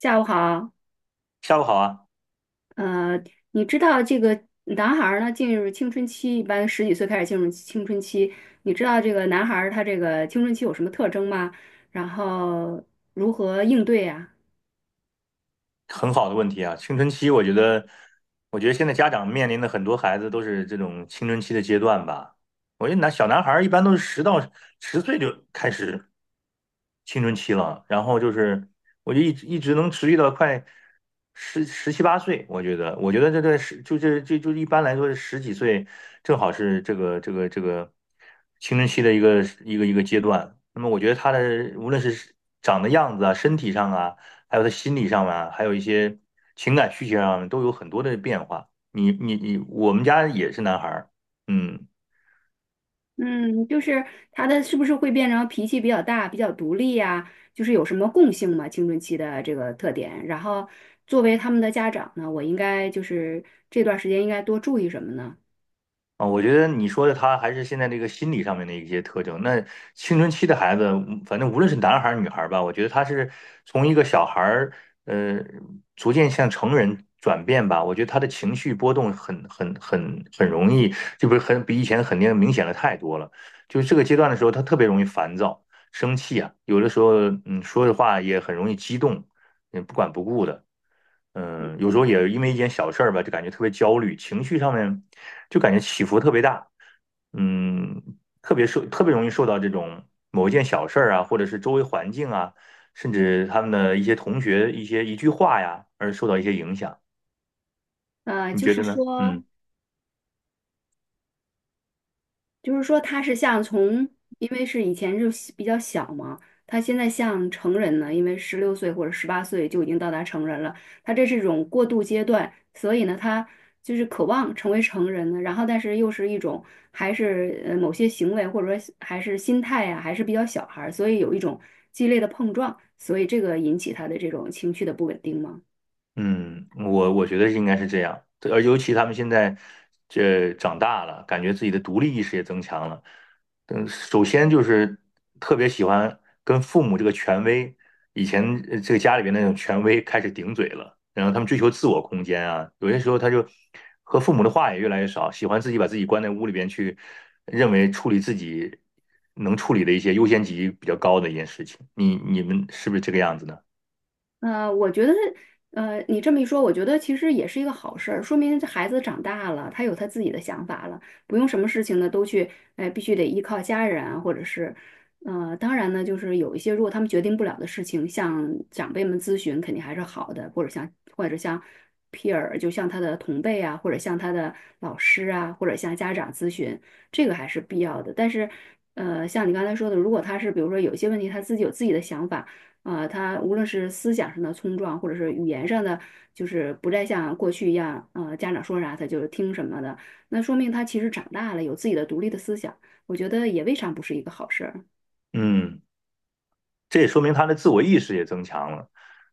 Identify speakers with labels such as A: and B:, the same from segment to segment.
A: 下午好，
B: 下午好啊，
A: 呃，你知道这个男孩儿呢进入青春期，一般十几岁开始进入青春期，你知道这个男孩儿他这个青春期有什么特征吗？然后如何应对呀？
B: 很好的问题啊。青春期，我觉得现在家长面临的很多孩子都是这种青春期的阶段吧。我觉得小男孩儿一般都是十到十岁就开始青春期了，然后就是我就一直能持续到快十七八岁。我觉得，我觉得这这十就这就就一般来说是十几岁，正好是这个青春期的一个阶段。那么我觉得他的无论是长的样子啊，身体上啊。还有他心理上面，还有一些情感需求上面都有很多的变化。你你你，我们家也是男孩儿，嗯，
A: 嗯，就是他的是不是会变成脾气比较大、比较独立呀？就是有什么共性吗？青春期的这个特点。然后作为他们的家长呢，我应该就是这段时间应该多注意什么呢？
B: 啊，我觉得你说的他还是现在这个心理上面的一些特征。那青春期的孩子，反正无论是男孩儿女孩儿吧，我觉得他是从一个小孩儿，呃，逐渐向成人转变吧。我觉得他的情绪波动很容易，就不是很比以前肯定明显的太多了。就是这个阶段的时候，他特别容易烦躁、生气啊，有的时候，说的话也很容易激动，不管不顾的。
A: 嗯
B: 有时候也因为一件小事儿吧，就感觉特别焦虑，情绪上面就感觉起伏特别大。嗯，特别容易受到这种某一件小事儿啊，或者是周围环境啊，甚至他们的一些同学、一句话呀，而受到一些影响。你
A: 就
B: 觉
A: 是
B: 得呢？
A: 说，
B: 嗯。
A: 他是像从，因为是以前就是比较小嘛，他现在像成人呢，因为16岁或者18岁就已经到达成人了，他这是一种过渡阶段，所以呢，他就是渴望成为成人呢，然后但是又是一种还是某些行为或者说还是心态呀、还是比较小孩儿，所以有一种激烈的碰撞，所以这个引起他的这种情绪的不稳定吗？
B: 嗯，我觉得应该是这样，对，而尤其他们现在这长大了，感觉自己的独立意识也增强了。首先就是特别喜欢跟父母这个权威，以前这个家里边那种权威开始顶嘴了，然后他们追求自我空间啊，有些时候他就和父母的话也越来越少，喜欢自己把自己关在屋里边去，认为自己能处理的一些优先级比较高的一件事情。你们是不是这个样子呢？
A: 我觉得，你这么一说，我觉得其实也是一个好事儿，说明这孩子长大了，他有他自己的想法了，不用什么事情呢都去，哎，必须得依靠家人啊或者是，当然呢，就是有一些如果他们决定不了的事情，向长辈们咨询肯定还是好的，或者像 peer，就像他的同辈啊，或者像他的老师啊，或者向家长咨询，这个还是必要的。但是，像你刚才说的，如果他是比如说有些问题他自己有自己的想法。啊，他无论是思想上的冲撞，或者是语言上的，就是不再像过去一样，家长说啥他就听什么的，那说明他其实长大了，有自己的独立的思想，我觉得也未尝不是一个好事儿。
B: 嗯。这也说明他的自我意识也增强了。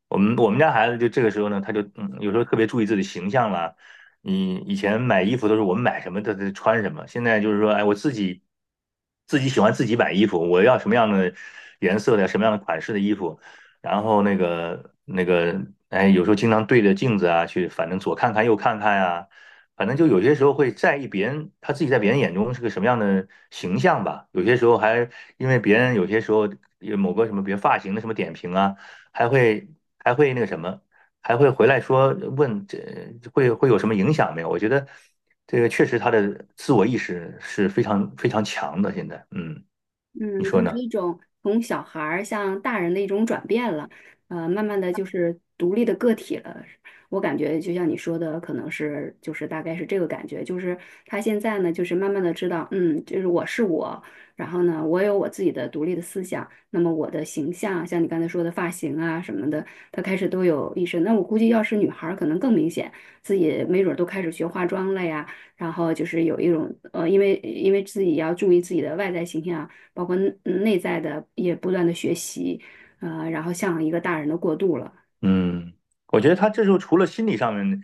B: 我们家孩子就这个时候呢，他就有时候特别注意自己形象啦。你以前买衣服都是我们买什么他穿什么，现在就是说，哎，我自己喜欢自己买衣服，我要什么样的颜色的、什么样的款式的衣服，然后哎，有时候经常对着镜子啊去，反正左看看右看看呀、反正就有些时候会在意别人，他自己在别人眼中是个什么样的形象吧。有些时候还因为别人有些时候有某个什么，比如发型的什么点评啊。还会还会那个什么，还会回来说问这会有什么影响没有？我觉得这个确实他的自我意识是非常非常强的。现在，你
A: 嗯，
B: 说
A: 就是
B: 呢？
A: 一种从小孩儿向大人的一种转变了，慢慢的就是独立的个体了。我感觉就像你说的，可能是就是大概是这个感觉，就是他现在呢，就是慢慢的知道，嗯，就是我是我，然后呢，我有我自己的独立的思想，那么我的形象，像你刚才说的发型啊什么的，他开始都有意识。那我估计要是女孩儿，可能更明显，自己没准儿都开始学化妆了呀，然后就是有一种因为自己要注意自己的外在形象。包括内在的也不断的学习，然后向一个大人的过渡了。
B: 嗯，我觉得他这时候除了心理上面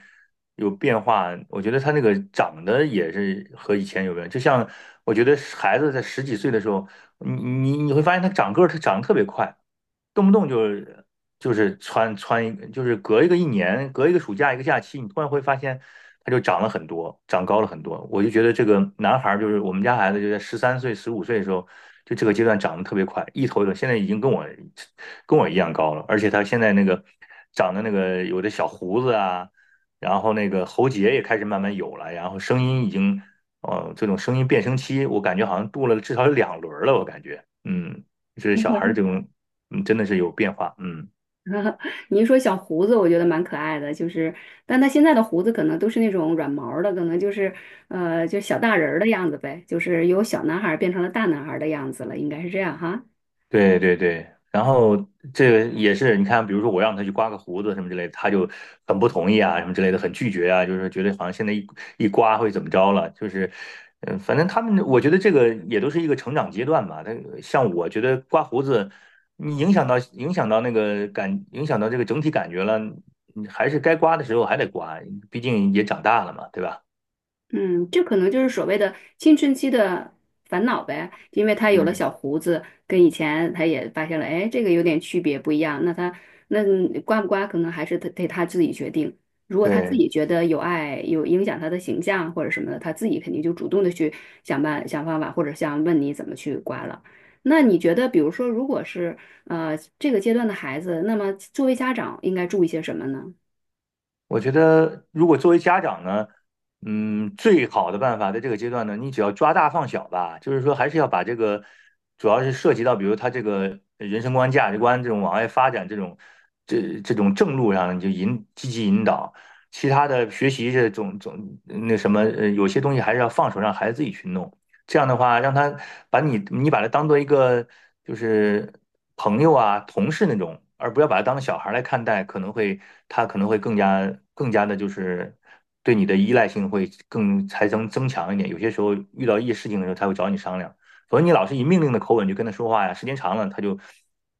B: 有变化，我觉得他那个长得也是和以前有关。就像我觉得孩子在十几岁的时候，你会发现他长个儿，他长得特别快，动不动就是穿一就是隔一个一年，隔一个暑假一个假期，你突然会发现他就长了很多，长高了很多。我就觉得这个男孩就是我们家孩子，就在十三岁、十五岁的时候，就这个阶段长得特别快，一头一头，现在已经跟我一样高了，而且他现在长的有的小胡子啊，然后那个喉结也开始慢慢有了，然后声音已经，这种声音变声期，我感觉好像度了至少有两轮了，我感觉，就是小孩这种，真的是有变化，嗯。
A: 你一说小胡子，我觉得蛮可爱的，就是，但他现在的胡子可能都是那种软毛儿的，可能就是，就小大人儿的样子呗，就是由小男孩儿变成了大男孩儿的样子了，应该是这样哈。
B: 对对对，然后这个也是，你看，比如说我让他去刮个胡子什么之类的，他就很不同意啊，什么之类的，很拒绝啊，就是觉得好像现在一刮会怎么着了，就是，反正他们，我觉得这个也都是一个成长阶段吧。像我觉得刮胡子，你影响到影响到那个感，影响到这个整体感觉了，你还是该刮的时候还得刮，毕竟也长大了嘛，对吧？
A: 嗯，这可能就是所谓的青春期的烦恼呗，因为他有了
B: 嗯，
A: 小胡子，跟以前他也发现了，哎，这个有点区别不一样。那他那刮不刮，可能还是得他自己决定。如果他自
B: 对，
A: 己觉得有碍，有影响他的形象或者什么的，他自己肯定就主动的去想方法，或者想问你怎么去刮了。那你觉得，比如说，如果是这个阶段的孩子，那么作为家长应该注意些什么呢？
B: 我觉得，如果作为家长呢，最好的办法在这个阶段呢，你只要抓大放小吧，就是说还是要把这个，主要是涉及到比如他这个人生观、价值观这种往外发展这种这种正路上，你就积极引导，其他的学习这种种那什么，呃，有些东西还是要放手让孩子自己去弄。这样的话，让他把你你把他当做一个就是朋友啊、同事那种，而不要把他当小孩来看待，可能会他可能会更加的，就是对你的依赖性会更才增强一点。有些时候遇到一些事情的时候，他会找你商量。否则你老是以命令的口吻去跟他说话呀，时间长了，他就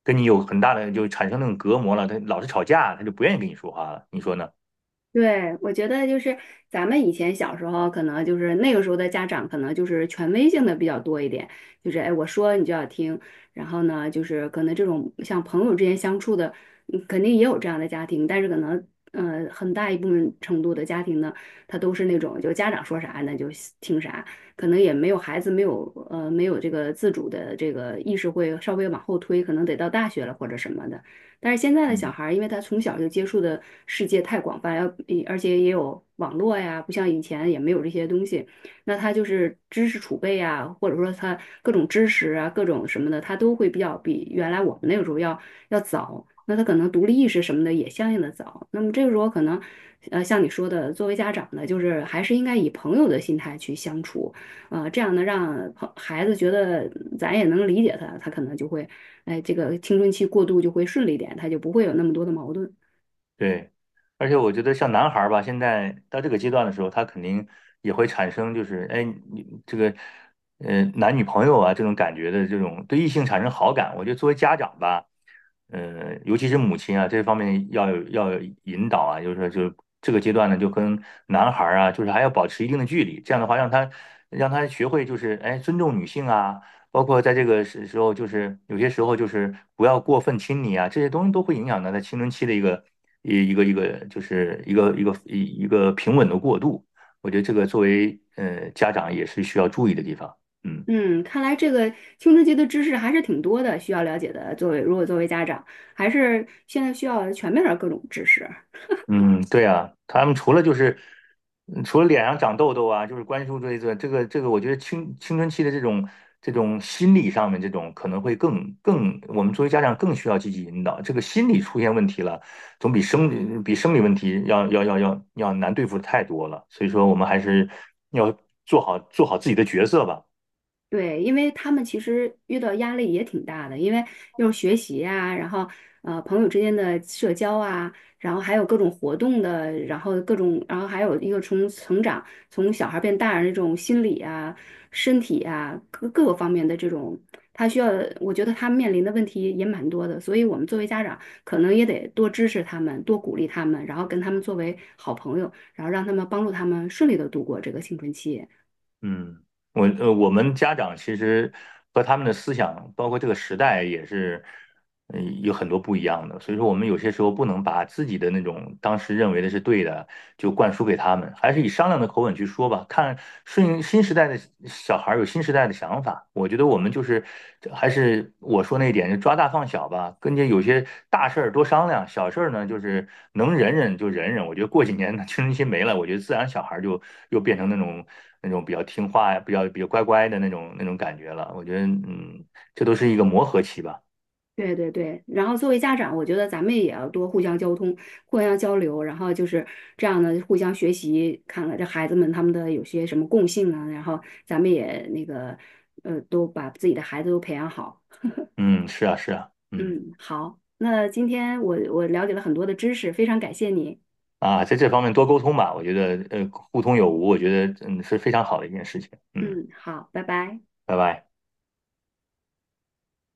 B: 跟你有很大的就产生那种隔膜了，他老是吵架，他就不愿意跟你说话了。你说呢？
A: 对，我觉得就是咱们以前小时候，可能就是那个时候的家长，可能就是权威性的比较多一点，就是哎，我说你就要听。然后呢，就是可能这种像朋友之间相处的，肯定也有这样的家庭，但是可能很大一部分程度的家庭呢，他都是那种就家长说啥那就听啥，可能也没有孩子没有没有这个自主的这个意识会稍微往后推，可能得到大学了或者什么的。但是现在的小孩儿，因为他从小就接触的世界太广泛，而且也有网络呀，不像以前也没有这些东西，那他就是知识储备呀，或者说他各种知识啊，各种什么的，他都会比较比原来我们那个时候要早。那他可能独立意识什么的也相应的早。那么这个时候可能，像你说的，作为家长呢，就是还是应该以朋友的心态去相处，这样呢，让孩子觉得咱也能理解他，他可能就会哎，这个青春期过渡就会顺利点，他就不会有那么多的矛盾。
B: 对，而且我觉得像男孩儿吧，现在到这个阶段的时候，他肯定也会产生就是，哎，你这个，男女朋友啊这种感觉的这种对异性产生好感。我觉得作为家长吧，尤其是母亲啊，这方面要有引导啊，就是说就这个阶段呢，就跟男孩儿啊，就是还要保持一定的距离，这样的话让他学会就是，哎，尊重女性啊。包括在这个时候，就是有些时候就是不要过分亲昵啊，这些东西都会影响到他青春期的一个一一个一个就是一个一个一一个平稳的过渡。我觉得这个作为家长也是需要注意的地方。嗯。
A: 嗯，看来这个青春期的知识还是挺多的，需要了解的。作为如果作为家长，还是现在需要全面的各种知识。
B: 嗯，对啊，他们除了除了脸上长痘痘啊，就是关注这一个，我觉得青春期的这种心理上面这种可能会更，我们作为家长更需要积极引导。这个心理出现问题了，总比生理问题要难对付的太多了。所以说，我们还是要做好自己的角色吧。
A: 对，因为他们其实遇到压力也挺大的，因为又是学习啊，然后朋友之间的社交啊，然后还有各种活动的，然后各种，然后还有一个从成长，从小孩变大人这种心理啊、身体啊各个方面的这种，他需要，我觉得他面临的问题也蛮多的，所以我们作为家长可能也得多支持他们，多鼓励他们，然后跟他们作为好朋友，然后让他们帮助他们顺利的度过这个青春期。
B: 嗯。我们家长其实和他们的思想，包括这个时代，也是有很多不一样的，所以说我们有些时候不能把自己的那种当时认为的是对的，就灌输给他们，还是以商量的口吻去说吧。看顺应新时代的小孩儿有新时代的想法，我觉得我们就是还是我说那一点，就抓大放小吧，跟这有些大事儿多商量，小事儿呢就是能忍忍就忍忍。我觉得过几年呢青春期没了，我觉得自然小孩儿就又变成那种比较听话呀，比较乖乖的那种感觉了。我觉得这都是一个磨合期吧。
A: 对对对，然后作为家长，我觉得咱们也要多互相交通、互相交流，然后就是这样的互相学习，看看这孩子们他们的有些什么共性啊，然后咱们也都把自己的孩子都培养好。
B: 嗯，是啊，是啊，嗯，
A: 嗯，好，那今天我了解了很多的知识，非常感谢你。
B: 啊，在这方面多沟通吧，我觉得，互通有无，我觉得，是非常好的一件事情。嗯，
A: 嗯，好，拜拜。
B: 拜拜。